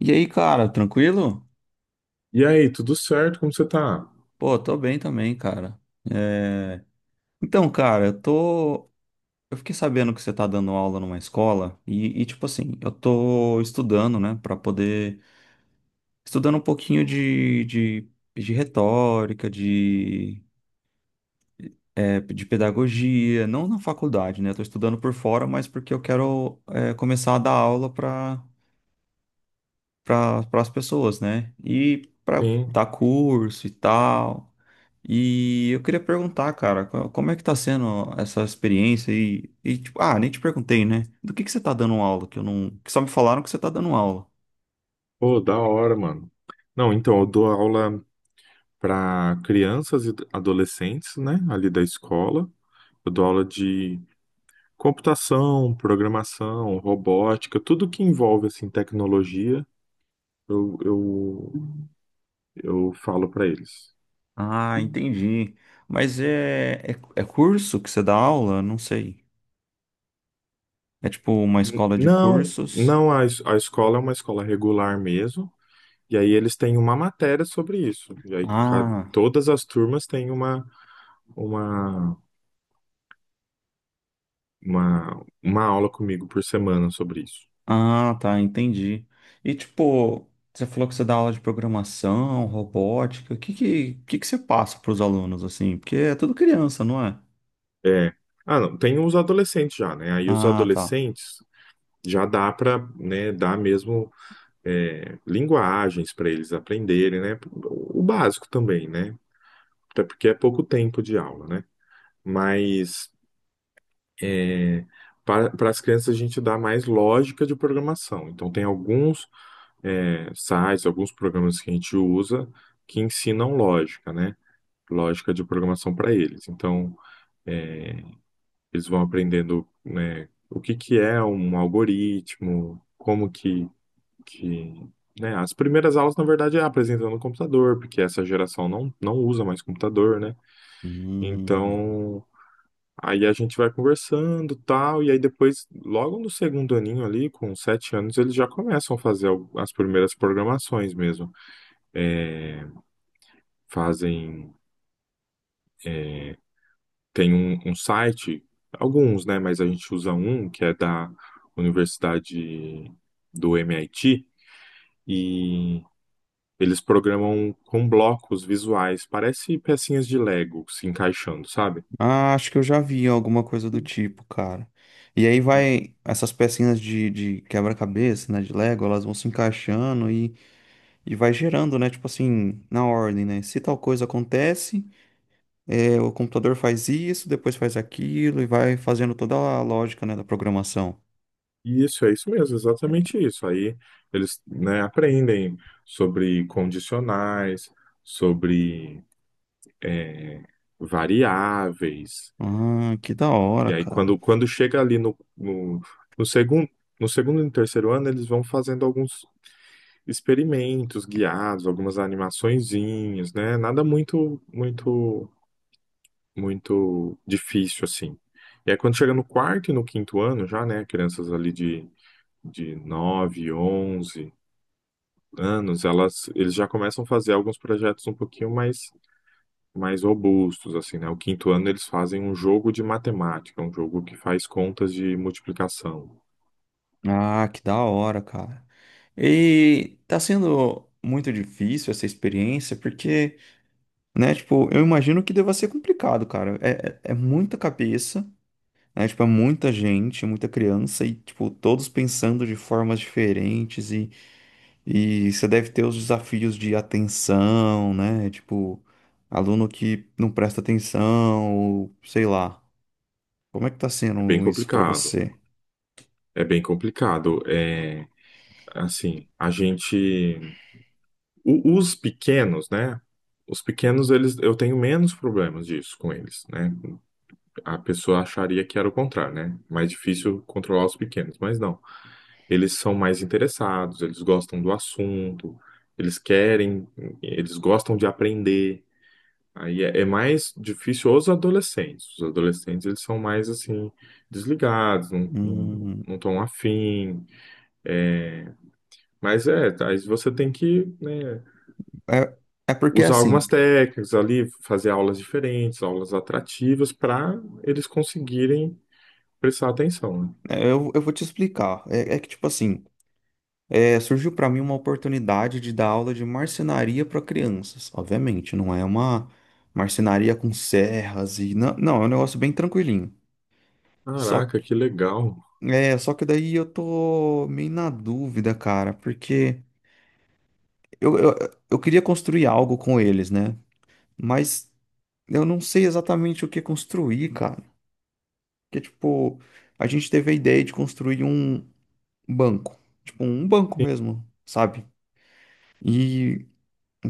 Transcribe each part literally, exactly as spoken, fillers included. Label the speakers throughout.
Speaker 1: E aí, cara, tranquilo?
Speaker 2: E aí, tudo certo? Como você tá?
Speaker 1: Pô, tô bem também, cara. É, Então, cara, eu tô. Eu fiquei sabendo que você tá dando aula numa escola e, e, tipo assim, eu tô estudando, né, pra poder. Estudando um pouquinho de, de, de retórica, de, é, de pedagogia, não na faculdade, né? Eu tô estudando por fora, mas porque eu quero, é, começar a dar aula pra para as pessoas, né? E pra
Speaker 2: Sim.
Speaker 1: dar curso e tal. E eu queria perguntar, cara, co- como é que tá sendo essa experiência aí? E, tipo, ah, nem te perguntei, né? Do que que você tá dando aula? Que eu não, que só me falaram que você tá dando aula.
Speaker 2: Pô, da hora, mano. Não, então, eu dou aula para crianças e adolescentes, né? Ali da escola. Eu dou aula de computação, programação, robótica, tudo que envolve, assim, tecnologia, eu, eu, eu falo para eles.
Speaker 1: Ah, entendi. Mas é, é, é curso que você dá aula? Não sei. É tipo uma
Speaker 2: N-
Speaker 1: escola de
Speaker 2: Não,
Speaker 1: cursos?
Speaker 2: não, a, es- a escola é uma escola regular mesmo, e aí eles têm uma matéria sobre isso. E aí, ca-
Speaker 1: Ah,
Speaker 2: todas as turmas têm uma. uma uma, uma aula comigo por semana sobre isso.
Speaker 1: ah, tá, entendi. E tipo, você falou que você dá aula de programação, robótica. O que que, que que você passa para os alunos assim? Porque é tudo criança, não é?
Speaker 2: É. Ah, não, tem os adolescentes já, né? Aí os
Speaker 1: Ah, tá.
Speaker 2: adolescentes já dá para, né, dar mesmo é, linguagens para eles aprenderem, né? O básico também, né? Até porque é pouco tempo de aula, né? Mas é, para as crianças a gente dá mais lógica de programação. Então tem alguns é, sites, alguns programas que a gente usa que ensinam lógica, né? Lógica de programação para eles. Então É, eles vão aprendendo, né, o que que é um algoritmo, como que, que, né, as primeiras aulas, na verdade, é apresentando o computador, porque essa geração não, não usa mais computador, né?
Speaker 1: Hum.
Speaker 2: Então, aí a gente vai conversando, tal, e aí depois, logo no segundo aninho ali, com sete anos, eles já começam a fazer al- as primeiras programações mesmo. É, fazem tem um, um site, alguns, né? Mas a gente usa um que é da Universidade do M I T e eles programam com blocos visuais, parece pecinhas de Lego se encaixando, sabe?
Speaker 1: Ah, acho que eu já vi alguma coisa do tipo, cara. E aí vai essas pecinhas de, de quebra-cabeça, né, de Lego, elas vão se encaixando e, e vai gerando, né, tipo assim, na ordem, né? Se tal coisa acontece, é, o computador faz isso, depois faz aquilo e vai fazendo toda a lógica, né, da programação.
Speaker 2: E Isso, é isso mesmo, exatamente isso. Aí eles, né, aprendem sobre condicionais, sobre é, variáveis.
Speaker 1: Ah, que da hora,
Speaker 2: E aí,
Speaker 1: cara.
Speaker 2: quando, quando chega ali no, no, no segundo, no segundo e no terceiro ano, eles vão fazendo alguns experimentos guiados, algumas animaçõezinhas, né? Nada muito, muito, muito difícil, assim. E aí, quando chega no quarto e no quinto ano, já, né? Crianças ali de, de nove onze anos, elas, eles já começam a fazer alguns projetos um pouquinho mais, mais robustos, assim, né? O quinto ano, eles fazem um jogo de matemática, um jogo que faz contas de multiplicação.
Speaker 1: Ah, que da hora, cara. E tá sendo muito difícil essa experiência, porque né? Tipo, eu imagino que deva ser complicado, cara. É, é é muita cabeça, né? Tipo, é muita gente, muita criança e, tipo, todos pensando de formas diferentes e, e você deve ter os desafios de atenção, né? Tipo, aluno que não presta atenção, ou sei lá. Como é que tá
Speaker 2: Bem
Speaker 1: sendo isso pra
Speaker 2: complicado.
Speaker 1: você?
Speaker 2: É bem complicado. É, assim, a gente. o- os pequenos, né? Os pequenos, eles, eu tenho menos problemas disso com eles, né? A pessoa acharia que era o contrário, né? Mais difícil controlar os pequenos, mas não. Eles são mais interessados, eles gostam do assunto, eles querem, eles gostam de aprender. Aí é, é mais difícil os adolescentes. Os adolescentes, eles são mais, assim, desligados, não, não,
Speaker 1: Hum,
Speaker 2: não estão afim é, mas é, tá, aí você tem que, né,
Speaker 1: é, é porque
Speaker 2: usar
Speaker 1: assim,
Speaker 2: algumas técnicas ali, fazer aulas diferentes, aulas atrativas, para eles conseguirem prestar atenção, né?
Speaker 1: é, eu, eu vou te explicar. É, é que, tipo assim, é, surgiu para mim uma oportunidade de dar aula de marcenaria para crianças. Obviamente, não é uma marcenaria com serras e não, não, é um negócio bem tranquilinho. Só
Speaker 2: Caraca,
Speaker 1: que,
Speaker 2: que legal.
Speaker 1: é, só que daí eu tô meio na dúvida, cara, porque eu, eu, eu queria construir algo com eles, né? Mas eu não sei exatamente o que construir, cara. Porque, tipo, a gente teve a ideia de construir um banco, tipo, um banco
Speaker 2: En-
Speaker 1: mesmo, sabe? E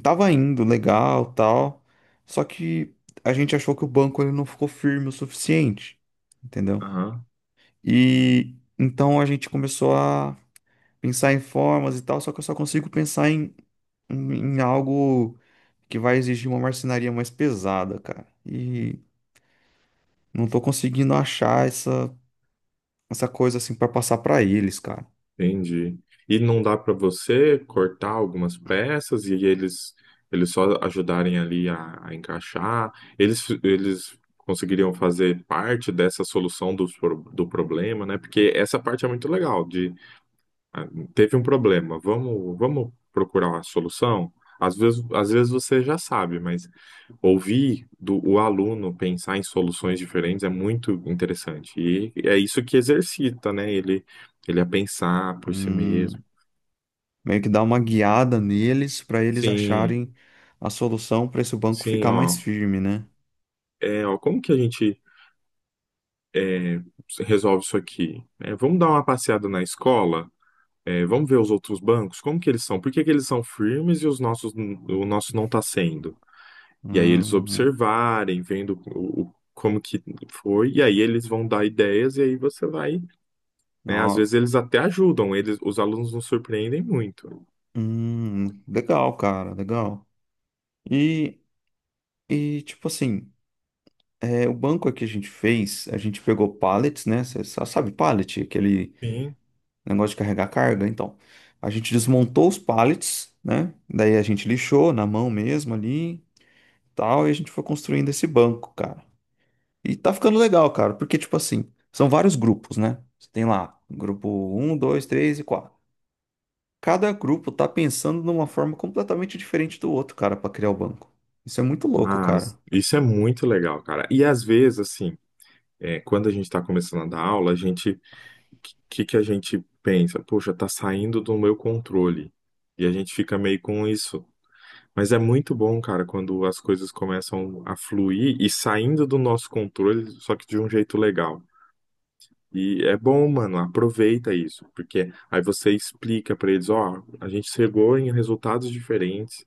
Speaker 1: tava indo legal, tal. Só que a gente achou que o banco ele não ficou firme o suficiente, entendeu?
Speaker 2: Aham,
Speaker 1: E então a gente começou a pensar em formas e tal, só que eu só consigo pensar em, em, em algo que vai exigir uma marcenaria mais pesada, cara. E não tô conseguindo achar essa, essa coisa assim pra passar pra eles, cara.
Speaker 2: entendi. E não dá para você cortar algumas peças e eles, eles só ajudarem ali a, a encaixar? Eles, eles conseguiriam fazer parte dessa solução do do problema, né? Porque essa parte é muito legal. Ah, teve um problema, vamos, vamos procurar uma solução? Às vezes, às vezes você já sabe, mas ouvir do, o aluno pensar em soluções diferentes é muito interessante. E é isso que exercita, né? Ele, ele a pensar por si mesmo.
Speaker 1: Hum, meio que dar uma guiada neles pra eles
Speaker 2: Sim,
Speaker 1: acharem a solução pra esse banco
Speaker 2: sim,
Speaker 1: ficar mais
Speaker 2: ó.
Speaker 1: firme, né?
Speaker 2: É, ó, como que a gente é, resolve isso aqui? É, vamos dar uma passeada na escola? É, vamos ver os outros bancos? Como que eles são? Por que que eles são firmes e os nossos, o nosso não está sendo? E aí eles
Speaker 1: Hum,
Speaker 2: observarem, vendo o, o- como que foi, e aí eles vão dar ideias, e aí você vai, né? Às
Speaker 1: ó,
Speaker 2: vezes eles até ajudam, eles, os alunos nos surpreendem muito.
Speaker 1: hum, legal, cara, legal. E, e tipo assim, é, o banco aqui a gente fez, a gente pegou pallets, né? Você sabe pallet, aquele
Speaker 2: Sim.
Speaker 1: negócio de carregar carga, então. A gente desmontou os pallets, né? Daí a gente lixou na mão mesmo ali, e tal, e a gente foi construindo esse banco, cara. E tá ficando legal, cara, porque tipo assim, são vários grupos, né? Você tem lá, grupo um, dois, três e quatro. Cada grupo tá pensando numa forma completamente diferente do outro, cara, pra criar o banco. Isso é muito louco, cara.
Speaker 2: Mas isso é muito legal, cara. E às vezes, assim, é, quando a gente está começando a dar aula, a gente, o que que a gente pensa? Poxa, tá saindo do meu controle. E a gente fica meio com isso. Mas é muito bom, cara, quando as coisas começam a fluir e saindo do nosso controle, só que de um jeito legal. E é bom, mano, aproveita isso, porque aí você explica pra eles, ó, a gente chegou em resultados diferentes,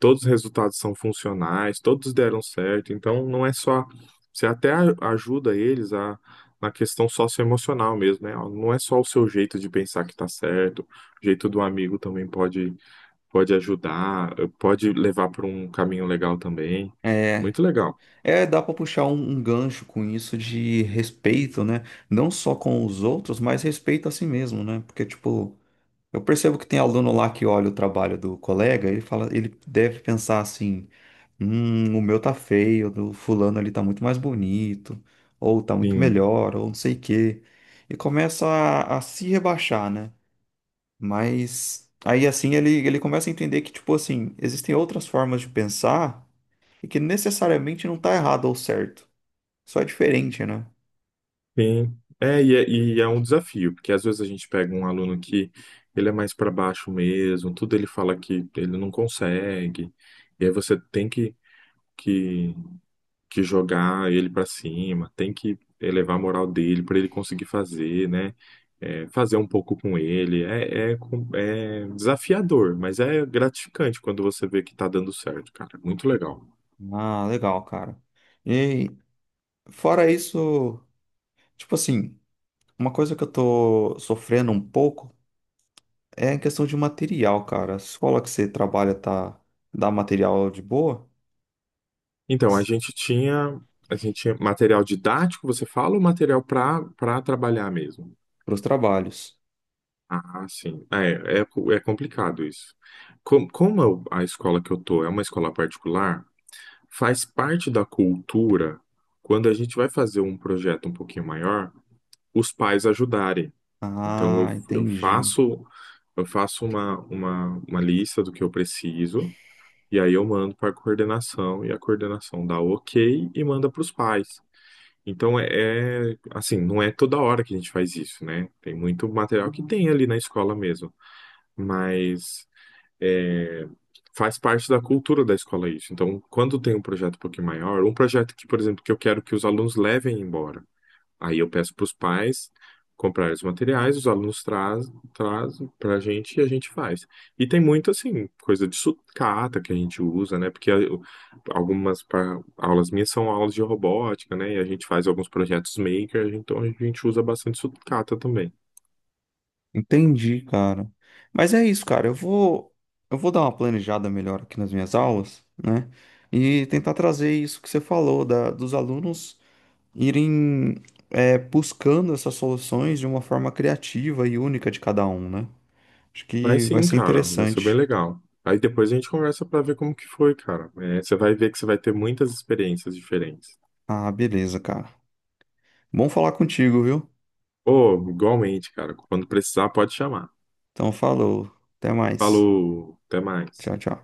Speaker 2: todos os resultados são funcionais, todos deram certo, então não é só, você até a- ajuda eles a na questão socioemocional mesmo, né? Ó, não é só o seu jeito de pensar que tá certo, o jeito do amigo também pode pode ajudar, pode levar para um caminho legal também.
Speaker 1: É,
Speaker 2: Muito legal.
Speaker 1: é dá pra puxar um, um gancho com isso de respeito, né? Não só com os outros, mas respeito a si mesmo, né? Porque, tipo, eu percebo que tem aluno lá que olha o trabalho do colega, ele fala, ele deve pensar assim, hum, o meu tá feio, o do fulano ali tá muito mais bonito, ou tá muito
Speaker 2: Sim.
Speaker 1: melhor, ou não sei o quê. E começa a a se rebaixar, né? Mas aí assim ele, ele começa a entender que, tipo assim, existem outras formas de pensar e que necessariamente não tá errado ou certo. Só é diferente, né?
Speaker 2: Sim. É, e é, e é um desafio, porque às vezes a gente pega um aluno que ele é mais para baixo mesmo, tudo ele fala que ele não consegue, e aí você tem que, que, que jogar ele para cima, tem que elevar a moral dele para ele conseguir fazer, né? É, fazer um pouco com ele. É, é, com- é desafiador, mas é gratificante quando você vê que tá dando certo, cara. Muito legal.
Speaker 1: Ah, legal, cara. E fora isso, tipo assim, uma coisa que eu tô sofrendo um pouco é a questão de material, cara. A escola que você trabalha tá, dá material de boa
Speaker 2: Então, a gente tinha, a gente tinha material didático, você fala, ou material para para trabalhar mesmo?
Speaker 1: pros trabalhos.
Speaker 2: Ah, sim. É, é, co- é complicado isso. Com- como eu- a escola que eu tô é uma escola particular, faz parte da cultura, quando a gente vai fazer um projeto um pouquinho maior, os pais ajudarem. Então, eu,
Speaker 1: Ah,
Speaker 2: eu
Speaker 1: entendi.
Speaker 2: faço, eu faço uma, uma, uma lista do que eu preciso, e aí eu mando para a coordenação, e a coordenação dá o ok e manda para os pais. Então é, é, assim, não é toda hora que a gente faz isso, né? Tem muito material que tem ali na escola mesmo, mas é, faz parte da cultura da escola isso. Então, quando tem um projeto um pouquinho maior, um projeto que, por exemplo, que eu quero que os alunos levem embora. Aí eu peço para os pais comprarem os materiais, os alunos traz, trazem para a gente e a gente faz. E tem muito, assim, coisa de sucata que a gente usa, né? Porque eu- algumas pa- aulas minhas são aulas de robótica, né? E a gente faz alguns projetos maker, então a gente usa bastante sucata também.
Speaker 1: Entendi, cara. Mas é isso, cara. Eu vou, eu vou dar uma planejada melhor aqui nas minhas aulas, né? E tentar trazer isso que você falou, da, dos alunos irem, é, buscando essas soluções de uma forma criativa e única de cada um, né? Acho
Speaker 2: Mas
Speaker 1: que vai
Speaker 2: sim,
Speaker 1: ser
Speaker 2: cara, vai ser bem
Speaker 1: interessante.
Speaker 2: legal. Aí depois a gente conversa para ver como que foi, cara. É, você vai ver que você vai ter muitas experiências diferentes.
Speaker 1: Ah, beleza, cara. Bom falar contigo, viu?
Speaker 2: Ô, igualmente, cara. Quando precisar, pode chamar.
Speaker 1: Então, falou. Até mais.
Speaker 2: Falou, até mais.
Speaker 1: Tchau, tchau.